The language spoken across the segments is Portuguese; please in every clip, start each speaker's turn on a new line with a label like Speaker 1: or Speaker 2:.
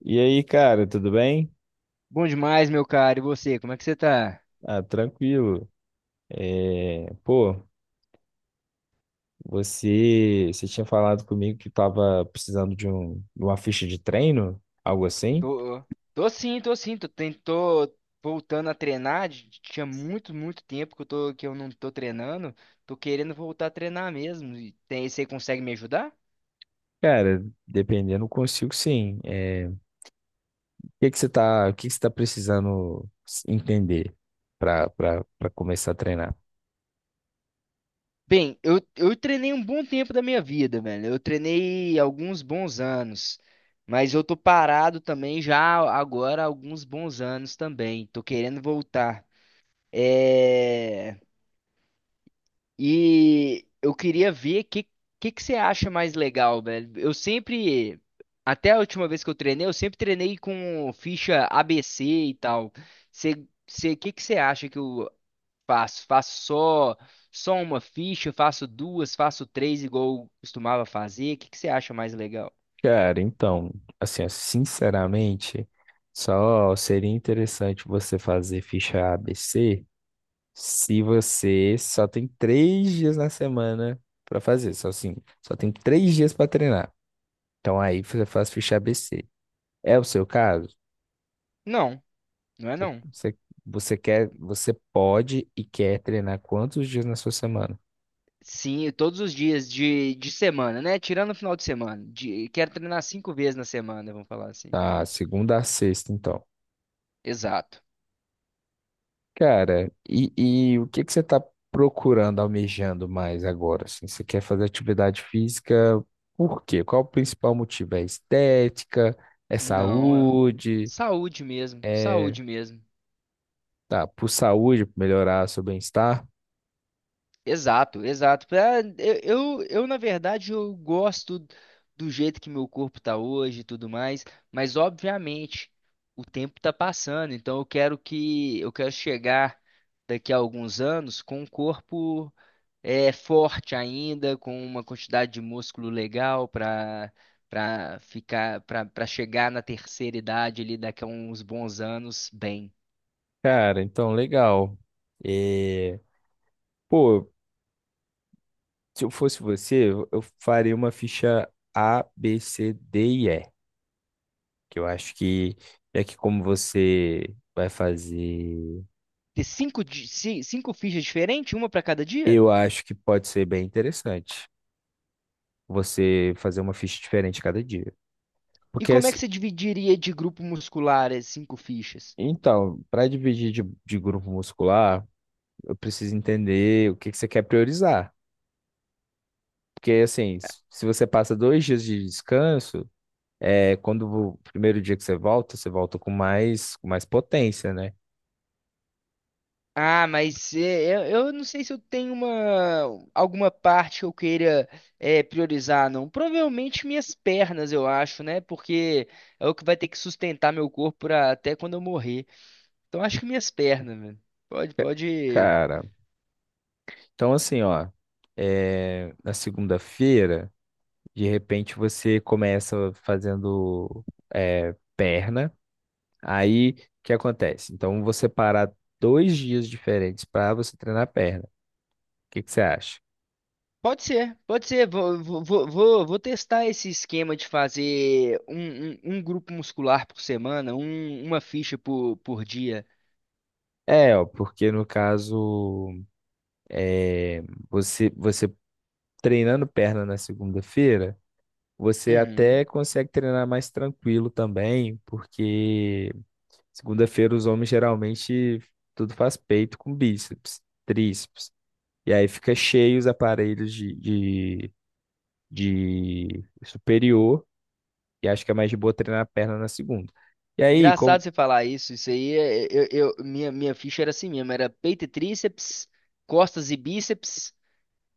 Speaker 1: E aí, cara, tudo bem?
Speaker 2: Bom demais, meu cara. E você, como é que você tá?
Speaker 1: Ah, tranquilo. É, pô, você tinha falado comigo que tava precisando de uma ficha de treino, algo assim?
Speaker 2: Tô, tô sim, tô sim. Tô voltando a treinar. Tinha muito, muito tempo que eu não tô treinando. Tô querendo voltar a treinar mesmo. E tem, você consegue me ajudar?
Speaker 1: Cara, dependendo, consigo sim. É, o O que que você tá precisando entender para começar a treinar?
Speaker 2: Bem, eu treinei um bom tempo da minha vida, velho. Eu treinei alguns bons anos. Mas eu tô parado também já agora há alguns bons anos também. Tô querendo voltar. É... E eu queria ver o que você acha mais legal, velho. Eu sempre, até a última vez que eu treinei, eu sempre treinei com ficha ABC e tal. Você, que você acha que eu faço? Faço só uma ficha, faço duas, faço três, igual eu costumava fazer? O que, que você acha mais legal?
Speaker 1: Cara, então, assim, ó, sinceramente, só seria interessante você fazer ficha ABC. Se você só tem três dias na semana pra fazer, só assim, só tem três dias pra treinar. Então aí você faz ficha ABC. É o seu caso?
Speaker 2: Não, não é
Speaker 1: Você,
Speaker 2: não.
Speaker 1: você, você quer, você pode e quer treinar quantos dias na sua semana?
Speaker 2: Sim, todos os dias de semana, né? Tirando o final de semana. Quero treinar cinco vezes na semana, vamos falar assim.
Speaker 1: Tá, segunda a sexta, então.
Speaker 2: Exato.
Speaker 1: Cara, e, e o que que você tá procurando, almejando mais agora? Assim, você quer fazer atividade física? Por quê? Qual o principal motivo? É estética? É
Speaker 2: Não, é
Speaker 1: saúde?
Speaker 2: saúde mesmo,
Speaker 1: É
Speaker 2: saúde mesmo.
Speaker 1: Tá, por saúde, pra melhorar seu bem-estar.
Speaker 2: Exato, exato. Eu, na verdade, eu gosto do jeito que meu corpo tá hoje e tudo mais, mas obviamente o tempo tá passando, então eu quero chegar daqui a alguns anos com um corpo forte ainda, com uma quantidade de músculo legal para para ficar para para chegar na terceira idade ali daqui a uns bons anos bem.
Speaker 1: Cara, então, legal. É, Pô, se eu fosse você, eu faria uma ficha A, B, C, D e E. Que eu acho que, é que como você vai fazer,
Speaker 2: Ter cinco fichas diferentes, uma para cada dia?
Speaker 1: eu acho que pode ser bem interessante você fazer uma ficha diferente cada dia.
Speaker 2: E
Speaker 1: Porque,
Speaker 2: como é
Speaker 1: as-
Speaker 2: que você dividiria de grupo muscular as cinco fichas?
Speaker 1: então, para dividir de grupo muscular, eu preciso entender o que que você quer priorizar. Porque, assim, se você passa dois dias de descanso. É, quando o primeiro dia que você volta com mais potência, né?
Speaker 2: Ah, mas eu não sei se eu tenho alguma parte que eu queira priorizar, não. Provavelmente minhas pernas, eu acho, né? Porque é o que vai ter que sustentar meu corpo até quando eu morrer. Então acho que minhas pernas, velho. Pode, pode.
Speaker 1: Cara, então assim, ó, na segunda-feira, de repente você começa fazendo perna, aí o que acontece? Então você parar dois dias diferentes para você treinar perna. O que que você acha?
Speaker 2: Pode ser, pode ser. Vou testar esse esquema de fazer um grupo muscular por semana, uma ficha por dia.
Speaker 1: É, ó, porque no caso, é, você treinando perna na segunda-feira, você
Speaker 2: Uhum.
Speaker 1: até consegue treinar mais tranquilo também, porque segunda-feira os homens geralmente tudo faz peito com bíceps, tríceps. E aí fica cheio os aparelhos de superior, e acho que é mais de boa treinar a perna na segunda. E aí, como,
Speaker 2: Engraçado você falar isso. Isso aí, minha ficha era assim mesmo: era peito e tríceps, costas e bíceps,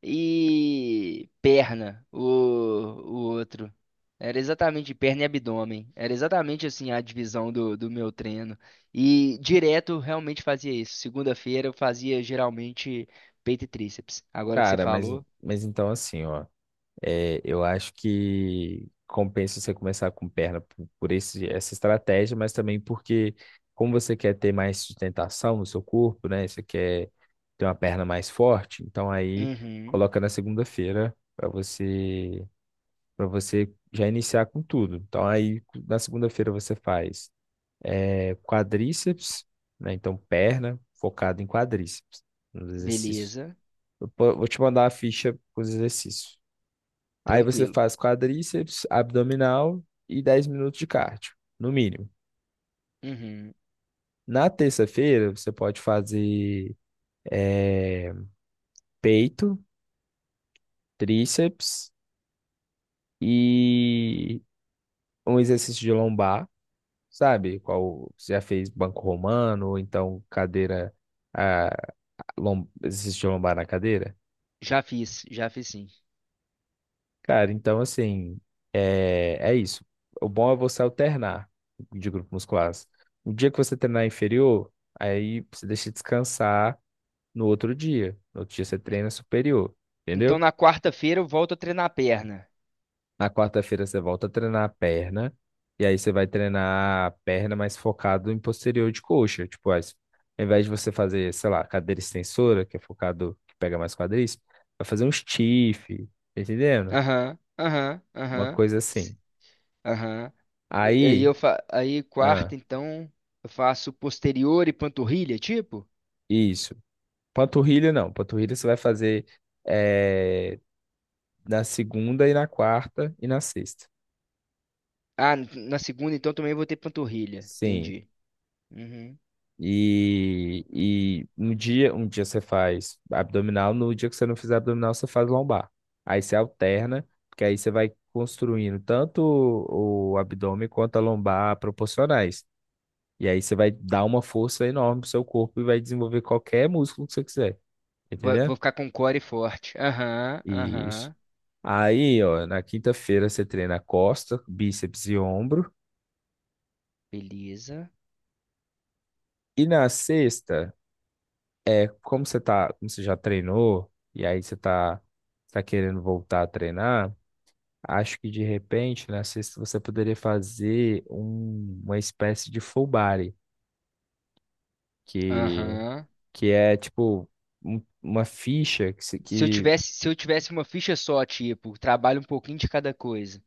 Speaker 2: e perna, o outro. Era exatamente perna e abdômen. Era exatamente assim a divisão do meu treino. E direto eu realmente fazia isso. Segunda-feira eu fazia geralmente peito e tríceps. Agora que você
Speaker 1: cara,
Speaker 2: falou,
Speaker 1: mas então assim, ó. É, eu acho que compensa você começar com perna por essa estratégia, mas também porque, como você quer ter mais sustentação no seu corpo, né? Você quer ter uma perna mais forte, então aí
Speaker 2: uhum,
Speaker 1: coloca na segunda-feira para você já iniciar com tudo. Então aí na segunda-feira você faz quadríceps, né? Então perna focado em quadríceps, nos exercícios.
Speaker 2: beleza,
Speaker 1: Vou te mandar a ficha com os exercícios. Aí você
Speaker 2: tranquilo.
Speaker 1: faz quadríceps, abdominal e 10 minutos de cardio, no mínimo.
Speaker 2: Uhum,
Speaker 1: Na terça-feira, você pode fazer eh, peito, tríceps e um exercício de lombar, sabe? Qual você já fez banco romano, ou então cadeira, ah, exercício de lombar na cadeira?
Speaker 2: já fiz sim.
Speaker 1: Cara, então assim, é isso. O bom é você alternar de grupos musculares. O dia que você treinar inferior, aí você deixa descansar no outro dia. No outro dia você treina superior,
Speaker 2: Então
Speaker 1: entendeu?
Speaker 2: na quarta-feira eu volto a treinar a perna.
Speaker 1: Na quarta-feira você volta a treinar a perna, e aí você vai treinar a perna mais focado em posterior de coxa. Tipo, aí, ao invés de você fazer, sei lá, cadeira extensora, que é focado, que pega mais quadríceps, vai fazer um stiff, tá entendendo?
Speaker 2: Aham, aham,
Speaker 1: Uma
Speaker 2: aham.
Speaker 1: coisa assim.
Speaker 2: Aham. E aí
Speaker 1: Aí.
Speaker 2: quarta
Speaker 1: ah,
Speaker 2: então eu faço posterior e panturrilha, tipo?
Speaker 1: Isso. Panturrilha não. Panturrilha você vai fazer eh, na segunda e na quarta e na sexta.
Speaker 2: Ah, na segunda então também vou ter panturrilha.
Speaker 1: Sim.
Speaker 2: Entendi. Uhum.
Speaker 1: E, e um dia você faz abdominal, no dia que você não fizer abdominal, você faz lombar. Aí você alterna, porque aí você vai construindo tanto o abdômen quanto a lombar proporcionais. E aí você vai dar uma força enorme pro seu corpo e vai desenvolver qualquer músculo que você quiser.
Speaker 2: Vou,
Speaker 1: Entendeu?
Speaker 2: vou ficar com core forte. Aham,
Speaker 1: Isso.
Speaker 2: aham.
Speaker 1: Aí, ó, na quinta-feira você treina costa, bíceps e ombro.
Speaker 2: Beleza.
Speaker 1: E na sexta, é como você tá, como você já treinou, tá querendo voltar a treinar, acho que de repente na sexta você poderia fazer uma espécie de full body, que,
Speaker 2: Aham.
Speaker 1: que é tipo uma ficha que, se-
Speaker 2: Se eu
Speaker 1: que
Speaker 2: tivesse, se eu tivesse uma ficha só, tipo, trabalho um pouquinho de cada coisa.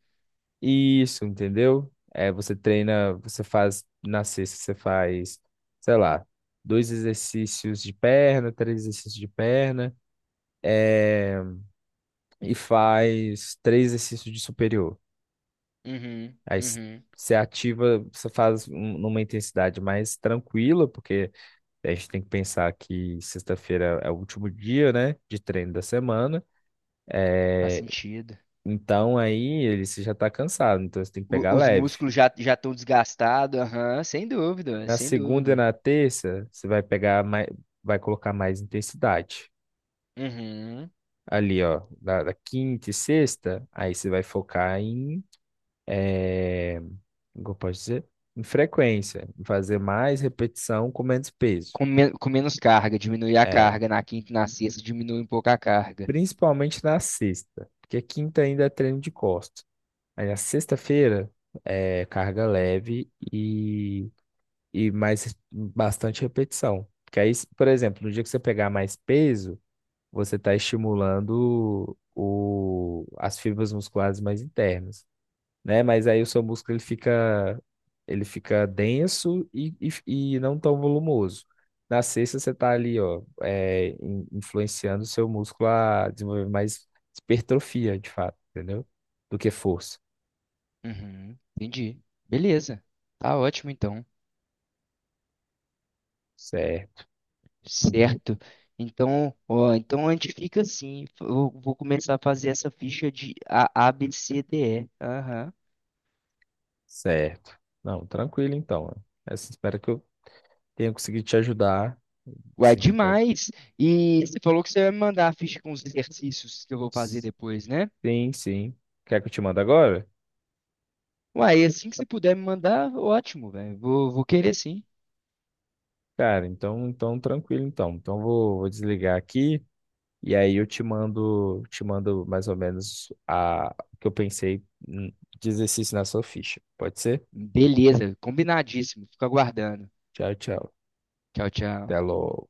Speaker 1: Isso, entendeu? É, você treina, você faz na sexta, você faz, sei lá, dois exercícios de perna, três exercícios de perna, é, e faz três exercícios de superior.
Speaker 2: Uhum,
Speaker 1: Aí s-
Speaker 2: uhum.
Speaker 1: Você ativa, você faz numa intensidade mais tranquila, porque a gente tem que pensar que sexta-feira é o último dia, né, de treino da semana.
Speaker 2: Faz
Speaker 1: É,
Speaker 2: sentido.
Speaker 1: então aí ele você já está cansado, então você tem que
Speaker 2: O-
Speaker 1: pegar
Speaker 2: os
Speaker 1: leve.
Speaker 2: músculos já estão desgastados, aham, sem dúvida,
Speaker 1: Na
Speaker 2: sem
Speaker 1: segunda e
Speaker 2: dúvida.
Speaker 1: na terça, você vai pegar mais, vai colocar mais intensidade.
Speaker 2: Uhum.
Speaker 1: Ali, ó, da quinta e sexta, aí você vai focar em, eh, como eu posso dizer? Em frequência, em fazer mais repetição com menos peso.
Speaker 2: Com menos carga, diminuir a
Speaker 1: É,
Speaker 2: carga na quinta e na sexta, diminui um pouco a carga.
Speaker 1: principalmente na sexta, porque quinta ainda é treino de costas. Aí na sexta-feira é carga leve e mais bastante repetição. Porque aí, por exemplo, no dia que você pegar mais peso, você está estimulando as fibras musculares mais internas, né? Mas aí o seu músculo ele fica denso e não tão volumoso. Na sexta, você está ali, ó, influenciando o seu músculo a desenvolver mais hipertrofia, de fato, entendeu? Do que força.
Speaker 2: Uhum, entendi. Beleza. Tá ótimo então.
Speaker 1: Certo. In-
Speaker 2: Certo. Então, ó, então a gente fica assim. Eu vou começar a fazer essa ficha de A, B, C, D, E. Aham.
Speaker 1: Certo. Não, tranquilo então. Essa, espero que eu tenha conseguido te ajudar.
Speaker 2: Ué,
Speaker 1: Assim, já-
Speaker 2: demais! E você falou que você vai me mandar a ficha com os exercícios que eu vou fazer depois, né?
Speaker 1: sim, sim. Quer que eu te mande agora?
Speaker 2: Uai, assim que você puder me mandar, ótimo, velho. Vou querer sim.
Speaker 1: Cara, então, então tranquilo então. Então vou, vou desligar aqui e aí eu te mando mais ou menos a o que eu pensei de exercício na sua ficha. Pode ser?
Speaker 2: Beleza, combinadíssimo. Fico aguardando.
Speaker 1: Tchau, tchau.
Speaker 2: Tchau, tchau.
Speaker 1: Até logo.